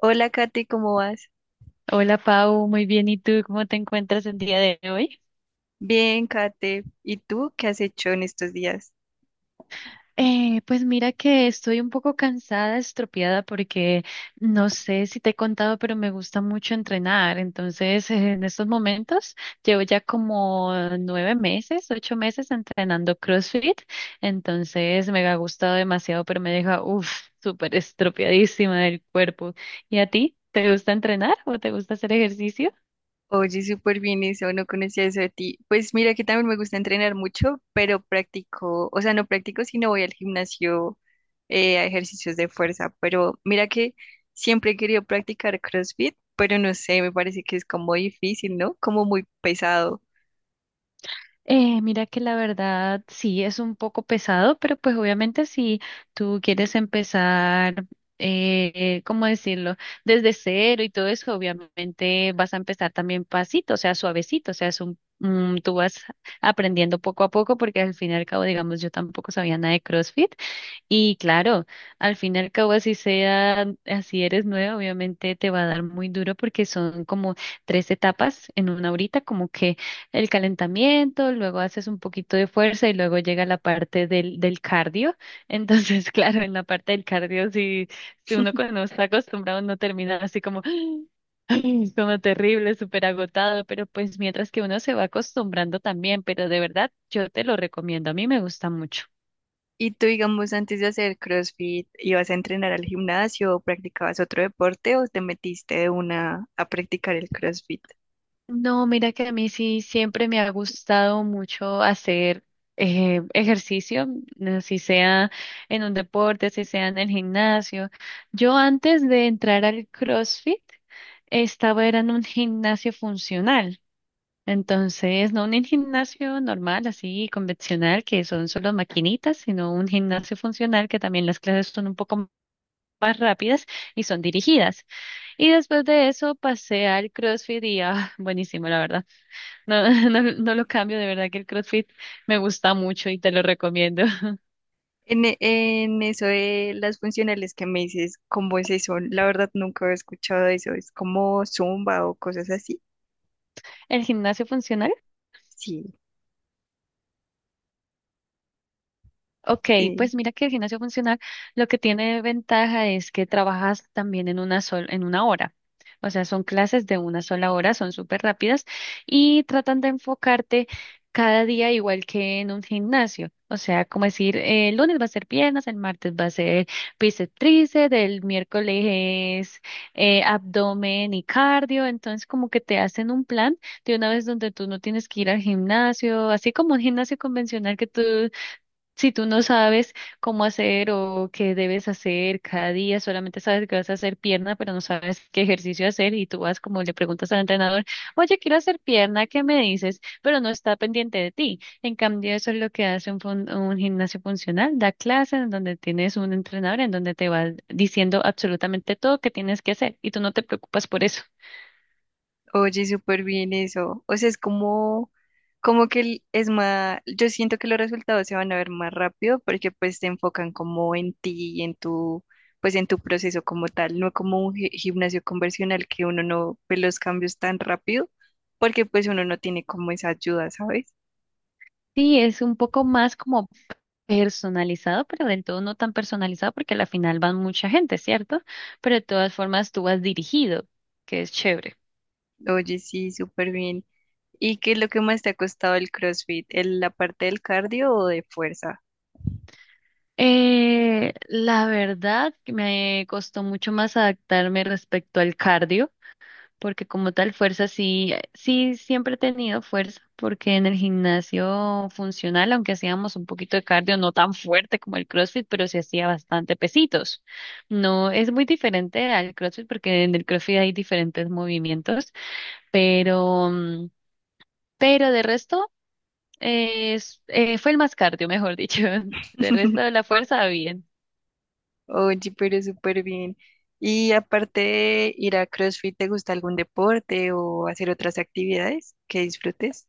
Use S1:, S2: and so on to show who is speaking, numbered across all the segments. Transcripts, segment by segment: S1: Hola, Kate, ¿cómo vas?
S2: Hola Pau, muy bien. ¿Y tú cómo te encuentras el día de hoy?
S1: Bien, Kate. ¿Y tú qué has hecho en estos días?
S2: Pues mira que estoy un poco cansada, estropeada, porque no sé si te he contado, pero me gusta mucho entrenar. Entonces, en estos momentos llevo ya como 9 meses, 8 meses entrenando CrossFit. Entonces, me ha gustado demasiado, pero me deja, uff, súper estropeadísima del cuerpo. ¿Y a ti? ¿Te gusta entrenar o te gusta hacer ejercicio?
S1: Oye, súper bien eso, no conocía eso de ti. Pues mira que también me gusta entrenar mucho, pero practico, o sea, no practico, sino voy al gimnasio a ejercicios de fuerza. Pero mira que siempre he querido practicar CrossFit, pero no sé, me parece que es como difícil, ¿no? Como muy pesado.
S2: Mira que la verdad sí es un poco pesado, pero pues obviamente si tú quieres empezar, ¿cómo decirlo? Desde cero y todo eso, obviamente vas a empezar también pasito, o sea, suavecito, o sea, es un, tú vas aprendiendo poco a poco porque al fin y al cabo, digamos, yo tampoco sabía nada de CrossFit. Y claro, al fin y al cabo, así sea, así eres nueva, obviamente te va a dar muy duro porque son como tres etapas en una horita, como que el calentamiento, luego haces un poquito de fuerza y luego llega la parte del cardio. Entonces, claro, en la parte del cardio, si uno cuando no está acostumbrado, no termina así como, como terrible, súper agotado, pero pues mientras que uno se va acostumbrando también, pero de verdad, yo te lo recomiendo, a mí me gusta mucho.
S1: ¿Y tú, digamos, antes de hacer CrossFit, ibas a entrenar al gimnasio o practicabas otro deporte o te metiste de una a practicar el CrossFit?
S2: No, mira que a mí sí siempre me ha gustado mucho hacer ejercicio, no, si sea en un deporte, si sea en el gimnasio. Yo antes de entrar al CrossFit estaba era en un gimnasio funcional. Entonces, no un gimnasio normal, así convencional, que son solo maquinitas, sino un gimnasio funcional que también las clases son un poco más rápidas y son dirigidas. Y después de eso pasé al CrossFit y ah, buenísimo, la verdad. No, no lo cambio, de verdad que el CrossFit me gusta mucho y te lo recomiendo.
S1: En, en eso de las funcionales que me dices, ¿cómo es eso? La verdad nunca he escuchado eso. ¿Es como zumba o cosas así?
S2: ¿El gimnasio funcional?
S1: Sí,
S2: Ok,
S1: sí.
S2: pues mira que el gimnasio funcional lo que tiene de ventaja es que trabajas también en en 1 hora. O sea, son clases de 1 sola hora, son súper rápidas y tratan de enfocarte cada día igual que en un gimnasio. O sea, como decir, el lunes va a ser piernas, el martes va a ser bíceps, tríceps, el miércoles es abdomen y cardio. Entonces, como que te hacen un plan de una vez donde tú no tienes que ir al gimnasio, así como un gimnasio convencional que tú si tú no sabes cómo hacer o qué debes hacer cada día, solamente sabes que vas a hacer pierna, pero no sabes qué ejercicio hacer y tú vas como le preguntas al entrenador, oye, quiero hacer pierna, ¿qué me dices? Pero no está pendiente de ti. En cambio, eso es lo que hace un gimnasio funcional, da clases en donde tienes un entrenador en donde te va diciendo absolutamente todo que tienes que hacer y tú no te preocupas por eso.
S1: Oye, súper bien eso. O sea, es como, como que es más, yo siento que los resultados se van a ver más rápido porque pues te enfocan como en ti y en tu, pues en tu proceso como tal, no como un gimnasio convencional que uno no ve los cambios tan rápido porque pues uno no tiene como esa ayuda, ¿sabes?
S2: Sí, es un poco más como personalizado, pero del todo no tan personalizado porque a la final van mucha gente, ¿cierto? Pero de todas formas tú vas dirigido, que es chévere.
S1: Oye, sí, súper bien. ¿Y qué es lo que más te ha costado el CrossFit? La parte del cardio o de fuerza?
S2: La verdad que me costó mucho más adaptarme respecto al cardio, porque como tal fuerza sí siempre he tenido fuerza, porque en el gimnasio funcional, aunque hacíamos un poquito de cardio, no tan fuerte como el CrossFit, pero sí hacía bastante pesitos. No, es muy diferente al CrossFit porque en el CrossFit hay diferentes movimientos pero, pero de resto, fue el más cardio, mejor dicho. De resto de la fuerza, bien.
S1: Oye, pero súper bien. Y aparte de ir a CrossFit, ¿te gusta algún deporte o hacer otras actividades que disfrutes?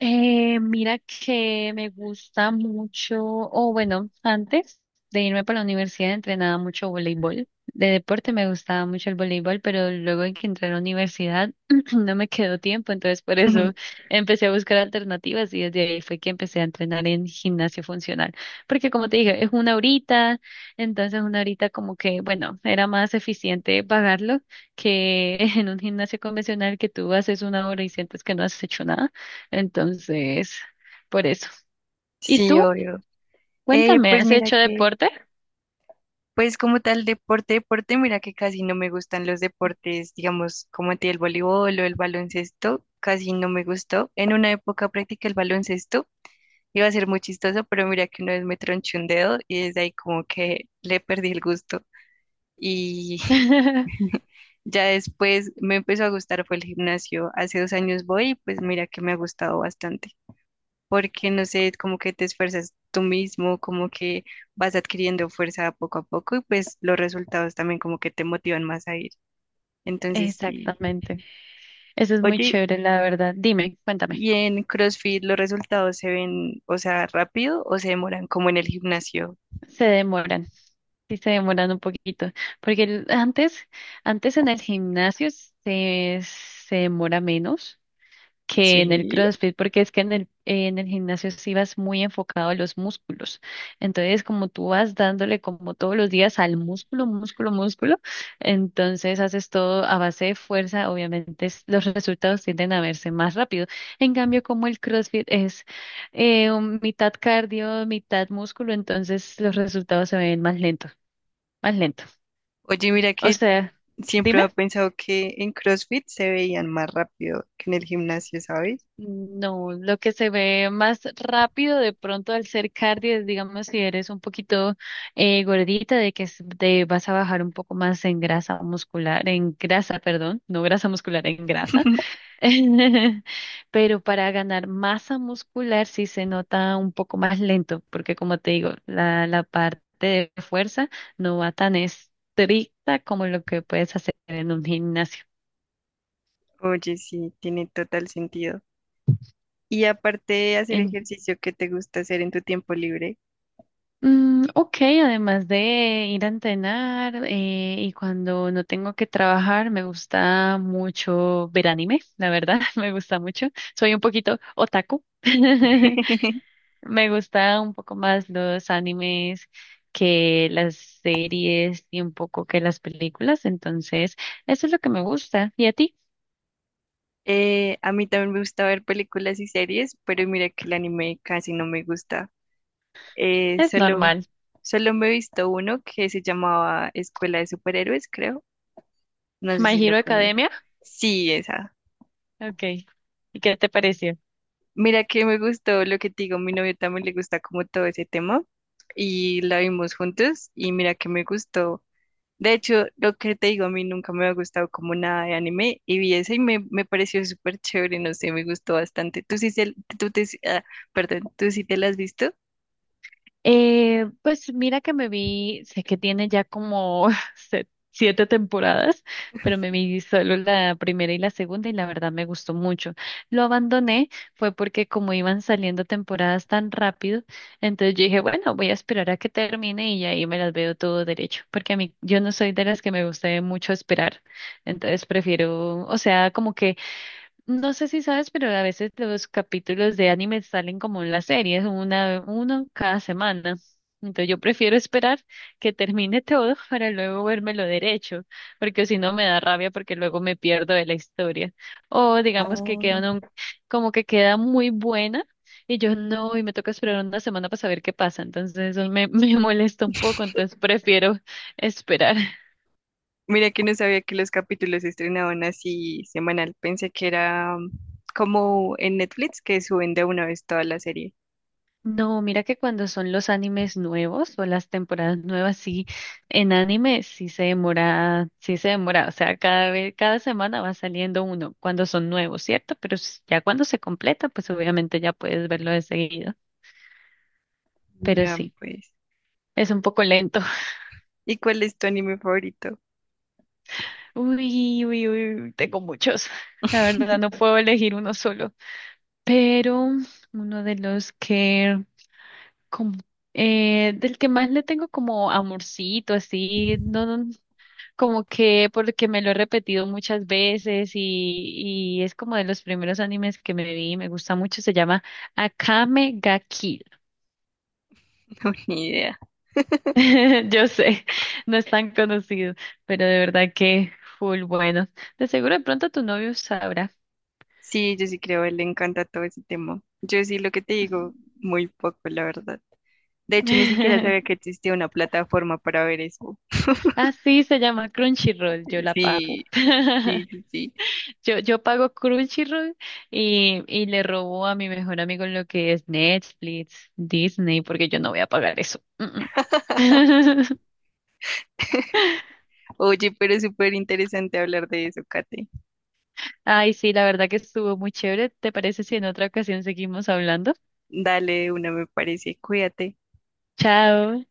S2: Mira que me gusta mucho, o bueno, antes de irme para la universidad entrenaba mucho voleibol. De deporte me gustaba mucho el voleibol, pero luego en que entré a la universidad no me quedó tiempo, entonces por eso empecé a buscar alternativas y desde ahí fue que empecé a entrenar en gimnasio funcional. Porque como te dije, es una horita, entonces una horita como que, bueno, era más eficiente pagarlo que en un gimnasio convencional que tú haces 1 hora y sientes que no has hecho nada. Entonces, por eso. ¿Y
S1: Sí,
S2: tú?
S1: obvio.
S2: Cuéntame,
S1: Pues
S2: ¿has
S1: mira
S2: hecho
S1: que,
S2: deporte?
S1: pues como tal deporte, deporte, mira que casi no me gustan los deportes, digamos, como a ti el voleibol o el baloncesto, casi no me gustó. En una época practiqué el baloncesto, iba a ser muy chistoso, pero mira que una vez me tronché un dedo y desde ahí como que le perdí el gusto. Y ya después me empezó a gustar, fue el gimnasio. Hace 2 años voy y pues mira que me ha gustado bastante, porque no sé, como que te esfuerzas tú mismo, como que vas adquiriendo fuerza poco a poco y pues los resultados también como que te motivan más a ir. Entonces, sí.
S2: Exactamente. Eso es muy
S1: Oye,
S2: chévere, la verdad. Dime, cuéntame.
S1: ¿y en CrossFit los resultados se ven, o sea, rápido o se demoran como en el gimnasio?
S2: Se demoran, sí se demoran un poquito, porque antes, antes en el gimnasio se demora menos, que en el
S1: Sí.
S2: CrossFit, porque es que en en el gimnasio sí vas muy enfocado a los músculos. Entonces, como tú vas dándole como todos los días al músculo, músculo, músculo, entonces haces todo a base de fuerza, obviamente los resultados tienden a verse más rápido. En cambio, como el CrossFit es un mitad cardio, mitad músculo, entonces los resultados se ven más lento, más lento.
S1: Oye, mira
S2: O
S1: que
S2: sea,
S1: siempre
S2: dime.
S1: he pensado que en CrossFit se veían más rápido que en el gimnasio, ¿sabes?
S2: No, lo que se ve más rápido de pronto al ser cardio es, digamos, si eres un poquito gordita, de que te vas a bajar un poco más en grasa muscular, en grasa, perdón, no grasa muscular, en grasa. Pero para ganar masa muscular sí se nota un poco más lento, porque como te digo, la parte de fuerza no va tan estricta como lo que puedes hacer en un gimnasio.
S1: Oye, sí, tiene total sentido. Y aparte de hacer ejercicio que te gusta hacer en tu tiempo libre,
S2: Mm, ok, además de ir a entrenar y cuando no tengo que trabajar, me gusta mucho ver anime, la verdad, me gusta mucho. Soy un poquito otaku. Me gusta un poco más los animes que las series y un poco que las películas, entonces eso es lo que me gusta. ¿Y a ti?
S1: a mí también me gusta ver películas y series, pero mira que el anime casi no me gusta. Eh,
S2: Es
S1: solo,
S2: normal.
S1: solo me he visto uno que se llamaba Escuela de Superhéroes, creo. No sé
S2: My
S1: si lo
S2: Hero
S1: conoces.
S2: Academia.
S1: Sí, esa.
S2: Ok. ¿Y qué te pareció?
S1: Mira que me gustó lo que te digo, mi novio también le gusta como todo ese tema y la vimos juntos y mira que me gustó. De hecho, lo que te digo, a mí nunca me ha gustado como nada de anime y vi ese y me pareció súper chévere, no sé, me gustó bastante. ¿Tú sí, tú te, ah, ¿tú sí te la has visto?
S2: Pues mira que me vi, sé que tiene ya como se- 7 temporadas, pero me vi solo la primera y la segunda y la verdad me gustó mucho. Lo abandoné fue porque como iban saliendo temporadas tan rápido, entonces yo dije, bueno, voy a esperar a que termine y ahí me las veo todo derecho, porque a mí yo no soy de las que me gusta mucho esperar, entonces prefiero, o sea, como que no sé si sabes, pero a veces los capítulos de anime salen como en las series, uno cada semana. Entonces yo prefiero esperar que termine todo para luego lo derecho, porque si no me da rabia porque luego me pierdo de la historia. O digamos que
S1: Ah.
S2: queda un como que queda muy buena y yo no, y me toca esperar 1 semana para saber qué pasa. Entonces eso me, me molesta un poco, entonces prefiero esperar.
S1: Mira que no sabía que los capítulos se estrenaban así semanal, pensé que era como en Netflix que suben de una vez toda la serie.
S2: No, mira que cuando son los animes nuevos o las temporadas nuevas, sí, en anime sí se demora, o sea, cada vez, cada semana va saliendo uno cuando son nuevos, ¿cierto? Pero ya cuando se completa, pues obviamente ya puedes verlo de seguido, pero
S1: Vean
S2: sí,
S1: pues.
S2: es un poco lento.
S1: ¿Y cuál es tu anime favorito?
S2: Uy, uy, uy, tengo muchos, la verdad no puedo elegir uno solo, pero uno de los que como del que más le tengo como amorcito, así, no, no, como que porque me lo he repetido muchas veces y es como de los primeros animes que me vi, me gusta mucho, se llama Akame ga Kill.
S1: No, ni idea.
S2: Yo sé, no es tan conocido, pero de verdad que full bueno. De seguro de pronto tu novio sabrá.
S1: Sí, yo sí creo, a él le encanta todo ese tema. Yo sí lo que te digo, muy poco, la verdad. De hecho, ni siquiera sabía que existía una plataforma para ver eso.
S2: Así se llama Crunchyroll, yo la pago.
S1: Sí, sí, sí, sí.
S2: Yo pago Crunchyroll y le robo a mi mejor amigo lo que es Netflix, Disney, porque yo no voy a pagar eso. Mm, mm.
S1: Oye, pero es súper interesante hablar de eso, Kate.
S2: Ay, sí, la verdad que estuvo muy chévere. ¿Te parece si en otra ocasión seguimos hablando?
S1: Dale, una me parece, cuídate.
S2: Chao.